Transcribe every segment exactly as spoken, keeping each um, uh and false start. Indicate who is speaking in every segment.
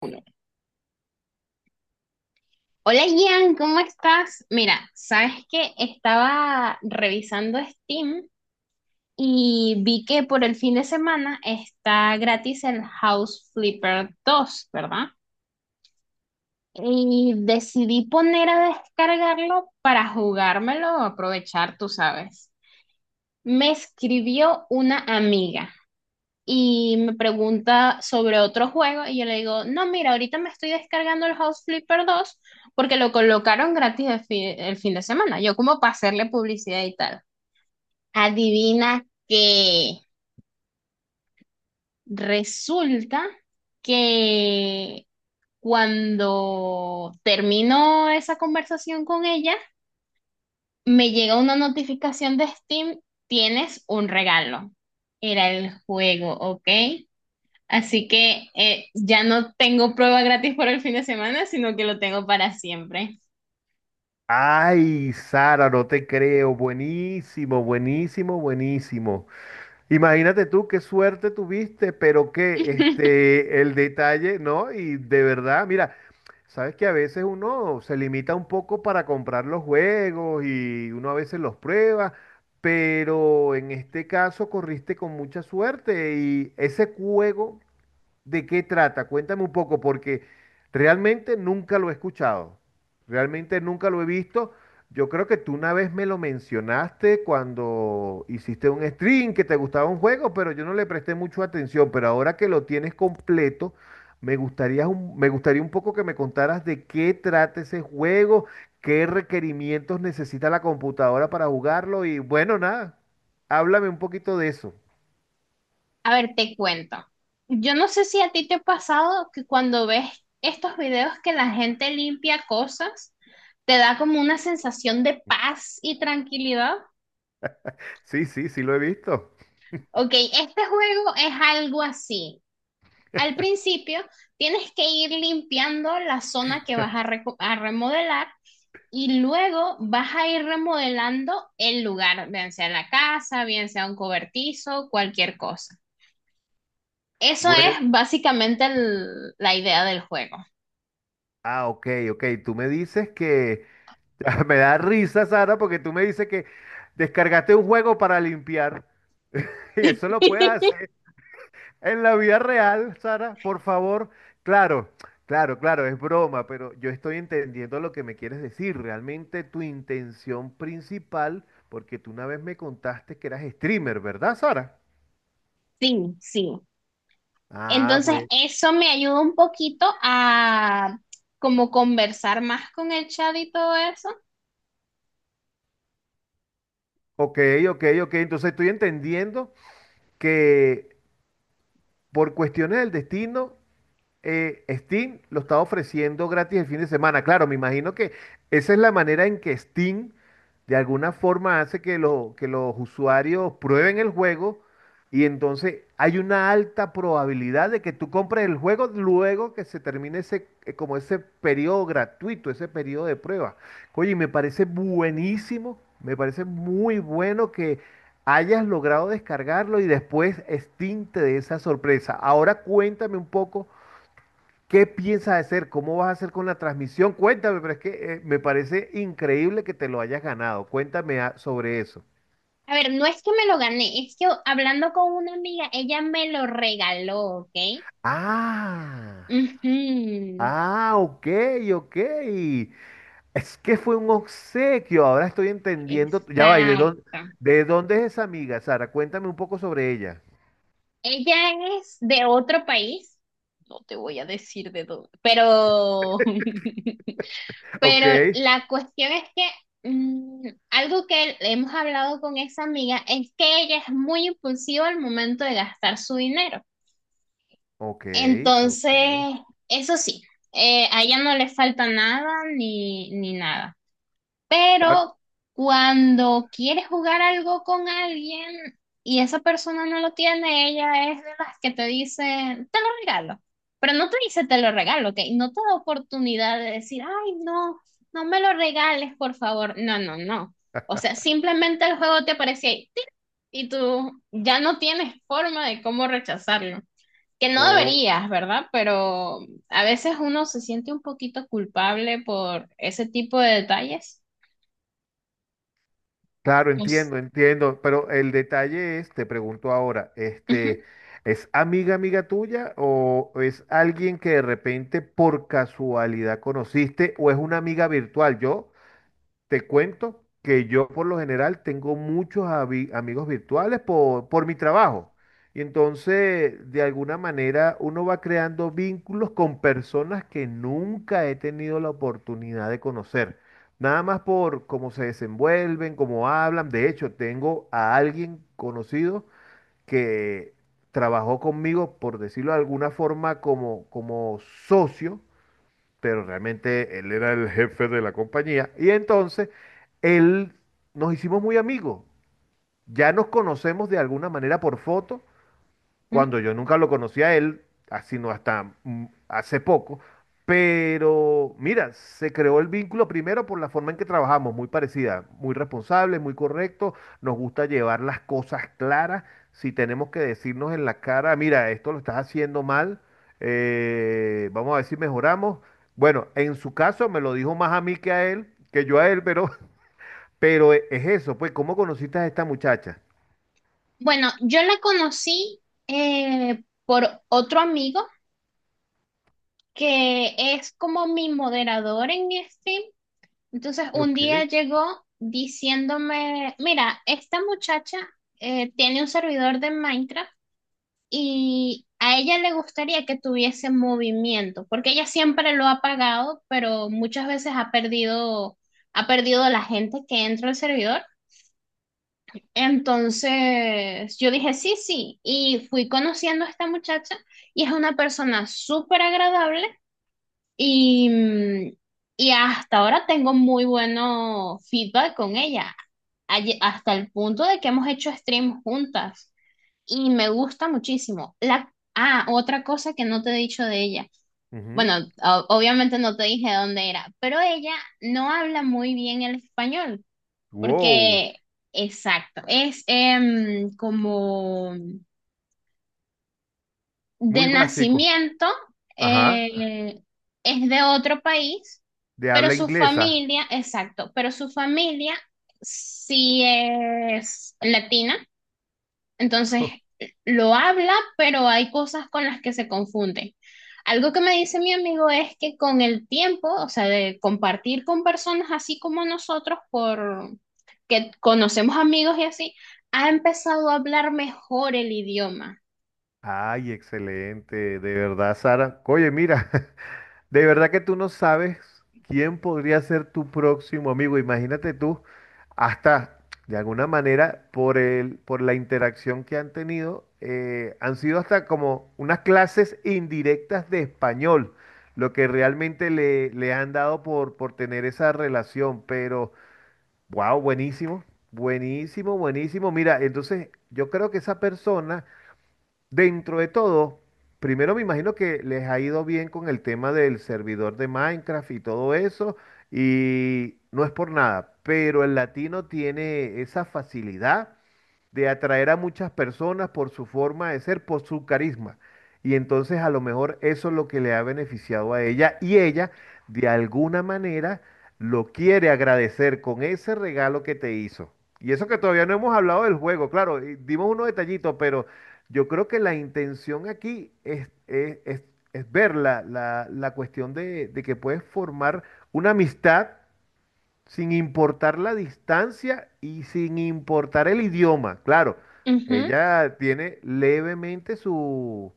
Speaker 1: Uno. Hola Ian, ¿cómo estás? Mira, sabes que estaba revisando Steam y vi que por el fin de semana está gratis el House Flipper dos, ¿verdad? Y decidí poner a descargarlo para jugármelo o aprovechar, tú sabes. Me escribió una amiga y me pregunta sobre otro juego y yo le digo, no, mira, ahorita me estoy descargando el House Flipper dos porque lo colocaron gratis el fin, el fin de semana, yo como para hacerle publicidad y tal. Adivina que resulta que cuando termino esa conversación con ella, me llega una notificación de Steam, tienes un regalo. Era el juego, ¿ok? Así que eh, ya no tengo prueba gratis por el fin de semana, sino que lo tengo para siempre.
Speaker 2: Ay, Sara, no te creo. Buenísimo, buenísimo, buenísimo. Imagínate tú qué suerte tuviste, pero que este, el detalle, ¿no? Y de verdad, mira, sabes que a veces uno se limita un poco para comprar los juegos y uno a veces los prueba, pero en este caso corriste con mucha suerte y ese juego. ¿De qué trata? Cuéntame un poco, porque realmente nunca lo he escuchado, realmente nunca lo he visto. Yo creo que tú una vez me lo mencionaste cuando hiciste un stream que te gustaba un juego, pero yo no le presté mucho atención. Pero ahora que lo tienes completo, me gustaría un, me gustaría un poco que me contaras de qué trata ese juego, qué requerimientos necesita la computadora para jugarlo y bueno, nada, háblame un poquito de eso.
Speaker 1: A ver, te cuento. Yo no sé si a ti te ha pasado que cuando ves estos videos que la gente limpia cosas, te da como una sensación de paz y tranquilidad.
Speaker 2: Sí, sí, sí lo he visto.
Speaker 1: Ok, este juego es algo así. Al principio tienes que ir limpiando la zona que vas a, reco- a remodelar. Y luego vas a ir remodelando el lugar, bien sea la casa, bien sea un cobertizo, cualquier cosa. Eso
Speaker 2: Bueno.
Speaker 1: es básicamente el- la idea del juego.
Speaker 2: Ah, ok, ok. Tú me dices que... Me da risa, Sara, porque tú me dices que descargaste un juego para limpiar. Y eso lo puedes hacer en la vida real, Sara, por favor. Claro, claro, claro, es broma, pero yo estoy entendiendo lo que me quieres decir. Realmente tu intención principal, porque tú una vez me contaste que eras streamer, ¿verdad, Sara?
Speaker 1: Sí, sí.
Speaker 2: Ah,
Speaker 1: Entonces,
Speaker 2: pues.
Speaker 1: eso me ayuda un poquito a como conversar más con el chat y todo eso.
Speaker 2: Ok, ok, ok. Entonces estoy entendiendo que por cuestiones del destino eh, Steam lo está ofreciendo gratis el fin de semana. Claro, me imagino que esa es la manera en que Steam de alguna forma hace que, lo- que los usuarios prueben el juego y entonces hay una alta probabilidad de que tú compres el juego luego que se termine ese, eh, como ese periodo gratuito, ese periodo de prueba. Oye, y me parece buenísimo, me parece muy bueno que hayas logrado descargarlo y después Steam te dé esa sorpresa. Ahora cuéntame un poco. ¿Qué piensas hacer? ¿Cómo vas a hacer con la transmisión? Cuéntame, pero es que eh, me parece increíble que te lo hayas ganado. Cuéntame ah, sobre eso.
Speaker 1: A ver, no es que me lo gané, es que hablando con una amiga, ella me lo regaló, ¿ok?
Speaker 2: Ah,
Speaker 1: Ujú,
Speaker 2: ah, ok, ok. Es que fue un obsequio, ahora estoy entendiendo. Ya va, ¿y de dónde,
Speaker 1: exacto.
Speaker 2: de dónde es esa amiga, Sara? Cuéntame un poco sobre ella.
Speaker 1: Ella es de otro país, no te voy a decir de dónde, pero,
Speaker 2: Ok,
Speaker 1: pero la cuestión es que mm, algo que hemos hablado con esa amiga es que ella es muy impulsiva al momento de gastar su dinero.
Speaker 2: ok,
Speaker 1: Entonces,
Speaker 2: ok.
Speaker 1: eso sí, eh, a ella no le falta nada ni, ni nada. Pero cuando quieres jugar algo con alguien y esa persona no lo tiene, ella es de las que te dice, te lo regalo. Pero no te dice, te lo regalo, ¿ok? No te da oportunidad de decir, ay, no, no me lo regales, por favor. No, no, no. O sea, simplemente el juego te aparece ahí ¡tic! Y tú ya no tienes forma de cómo rechazarlo. Que no
Speaker 2: Ahora,
Speaker 1: deberías, ¿verdad? Pero a veces uno se siente un poquito culpable por ese tipo de detalles.
Speaker 2: claro, entiendo, entiendo, pero el detalle es, te pregunto ahora,
Speaker 1: Ujú,
Speaker 2: este, ¿es amiga, amiga tuya o es alguien que de repente por casualidad conociste o es una amiga virtual? Yo te cuento que yo por lo general tengo muchos avi- amigos virtuales por, por mi trabajo. Y entonces, de alguna manera, uno va creando vínculos con personas que nunca he tenido la oportunidad de conocer. Nada más por cómo se desenvuelven, cómo hablan. De hecho, tengo a alguien conocido que trabajó conmigo, por decirlo de alguna forma, como, como socio pero realmente él era el jefe de la compañía. Y entonces él nos hicimos muy amigos. Ya nos conocemos de alguna manera por foto,
Speaker 1: ujú.
Speaker 2: cuando yo nunca lo conocí a él, ah, sino hasta mm, hace poco. Pero mira, se creó el vínculo primero por la forma en que trabajamos, muy parecida, muy responsable, muy correcto, nos gusta llevar las cosas claras, si tenemos que decirnos en la cara, mira, esto lo estás haciendo mal, eh, vamos a ver si mejoramos. Bueno, en su caso me lo dijo más a mí que a él, que yo a él, pero, pero e- es eso, pues, ¿cómo conociste a esta muchacha?
Speaker 1: Bueno, yo la conocí eh, por otro amigo que es como mi moderador en stream. Entonces un día
Speaker 2: Ok.
Speaker 1: llegó diciéndome, mira, esta muchacha eh, tiene un servidor de Minecraft y a ella le gustaría que tuviese movimiento, porque ella siempre lo ha pagado, pero muchas veces ha perdido, ha perdido la gente que entra al servidor. Entonces yo dije, sí, sí, y fui conociendo a esta muchacha y es una persona súper agradable y, mm, y hasta ahora tengo muy bueno feedback con ella, Aye- hasta el punto de que hemos hecho streams juntas y me gusta muchísimo. La, ah, otra cosa que no te he dicho de ella.
Speaker 2: Ujú.
Speaker 1: Bueno, o- obviamente no te dije dónde era, pero ella no habla muy bien el español.
Speaker 2: Wow,
Speaker 1: Porque, exacto, es em, como de
Speaker 2: muy básico.
Speaker 1: nacimiento,
Speaker 2: Ajá,
Speaker 1: eh, es de otro país,
Speaker 2: de
Speaker 1: pero
Speaker 2: habla
Speaker 1: su
Speaker 2: inglesa.
Speaker 1: familia, exacto, pero su familia sí es latina. Entonces, lo habla, pero hay cosas con las que se confunden. Algo que me dice mi amigo es que con el tiempo, o sea, de compartir con personas así como nosotros, por que conocemos amigos y así, ha empezado a hablar mejor el idioma.
Speaker 2: Ay, excelente, de verdad, Sara. Oye, mira, de verdad que tú no sabes quién podría ser tu próximo amigo. Imagínate tú, hasta de alguna manera, por el, por la interacción que han tenido, eh, han sido hasta como unas clases indirectas de español, lo que realmente le, le han dado por, por tener esa relación, pero... Wow, buenísimo, buenísimo, buenísimo. Mira, entonces yo creo que esa persona, dentro de todo, primero me imagino que les ha ido bien con el tema del servidor de Minecraft y todo eso, y no es por nada, pero el latino tiene esa facilidad de atraer a muchas personas por su forma de ser, por su carisma. Y entonces a lo mejor eso es lo que le ha beneficiado a ella y ella de alguna manera lo quiere agradecer con ese regalo que te hizo. Y eso que todavía no hemos hablado del juego, claro, y dimos unos detallitos, pero yo creo que la intención aquí es, es, es- es ver la, la- la cuestión de, de que puedes formar una amistad sin importar la distancia y sin importar el idioma. Claro,
Speaker 1: Ujú.
Speaker 2: ella tiene levemente su-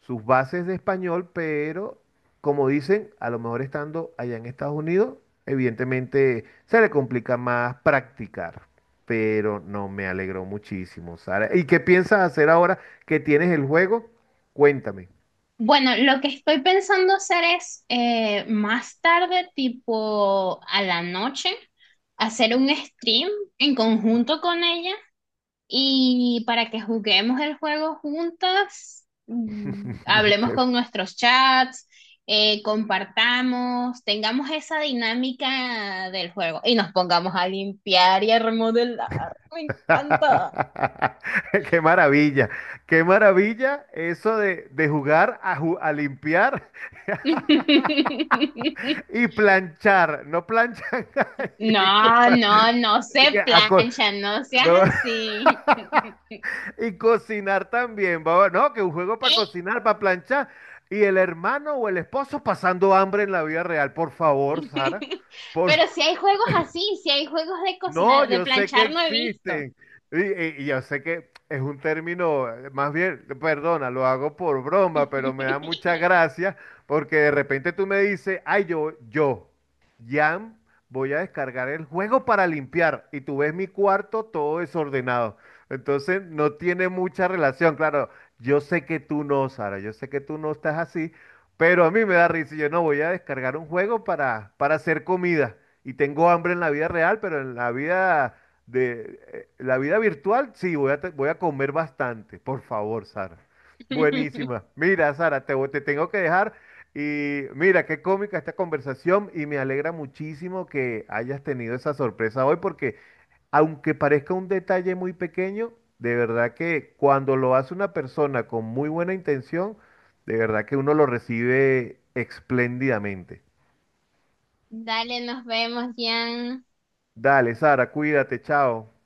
Speaker 2: sus bases de español, pero como dicen, a lo mejor estando allá en Estados Unidos, evidentemente se le complica más practicar. Pero no me alegró muchísimo, Sara. ¿Y qué piensas hacer ahora que tienes el juego? Cuéntame.
Speaker 1: Bueno, lo que estoy pensando hacer es eh, más tarde, tipo a la noche, hacer un stream en conjunto con ella y para que juguemos el juego juntas, mm, hablemos
Speaker 2: Qué
Speaker 1: con nuestros chats, eh, compartamos, tengamos esa dinámica del juego y nos pongamos a limpiar y a remodelar. Me encanta.
Speaker 2: qué maravilla, qué maravilla eso de, de jugar a, ju- a limpiar y planchar, no planchan, ay,
Speaker 1: No,
Speaker 2: disculpa,
Speaker 1: no, no
Speaker 2: así que
Speaker 1: se
Speaker 2: a co-
Speaker 1: plancha, no seas
Speaker 2: no,
Speaker 1: así.
Speaker 2: y cocinar también, baba, no, que un juego para
Speaker 1: Ey.
Speaker 2: cocinar, para planchar, y el hermano o el esposo pasando hambre en la vida real, por favor, Sara, por
Speaker 1: Pero si hay juegos así, si hay juegos de
Speaker 2: No,
Speaker 1: cocinar, de
Speaker 2: yo sé que
Speaker 1: planchar no he visto.
Speaker 2: existen. Y, y- y yo sé que es un término, eh, más bien, perdona, lo hago por broma, pero me da mucha gracia porque de repente tú me dices, ay, yo, yo, Jan, voy a descargar el juego para limpiar. Y tú ves mi cuarto todo desordenado. Entonces no tiene mucha relación. Claro, yo sé que tú no, Sara, yo sé que tú no estás así, pero a mí me da risa, y yo no voy a descargar un juego para, para hacer comida. Y tengo hambre en la vida real, pero en la vida de eh, la vida virtual sí voy a, te- voy a comer bastante. Por favor, Sara. Buenísima. Mira, Sara, te, voy- te tengo que dejar. Y mira, qué cómica esta conversación y me alegra muchísimo que hayas tenido esa sorpresa hoy porque aunque parezca un detalle muy pequeño, de verdad que cuando lo hace una persona con muy buena intención, de verdad que uno lo recibe espléndidamente.
Speaker 1: Dale, nos vemos, Jan.
Speaker 2: Dale, Sara, cuídate, chao.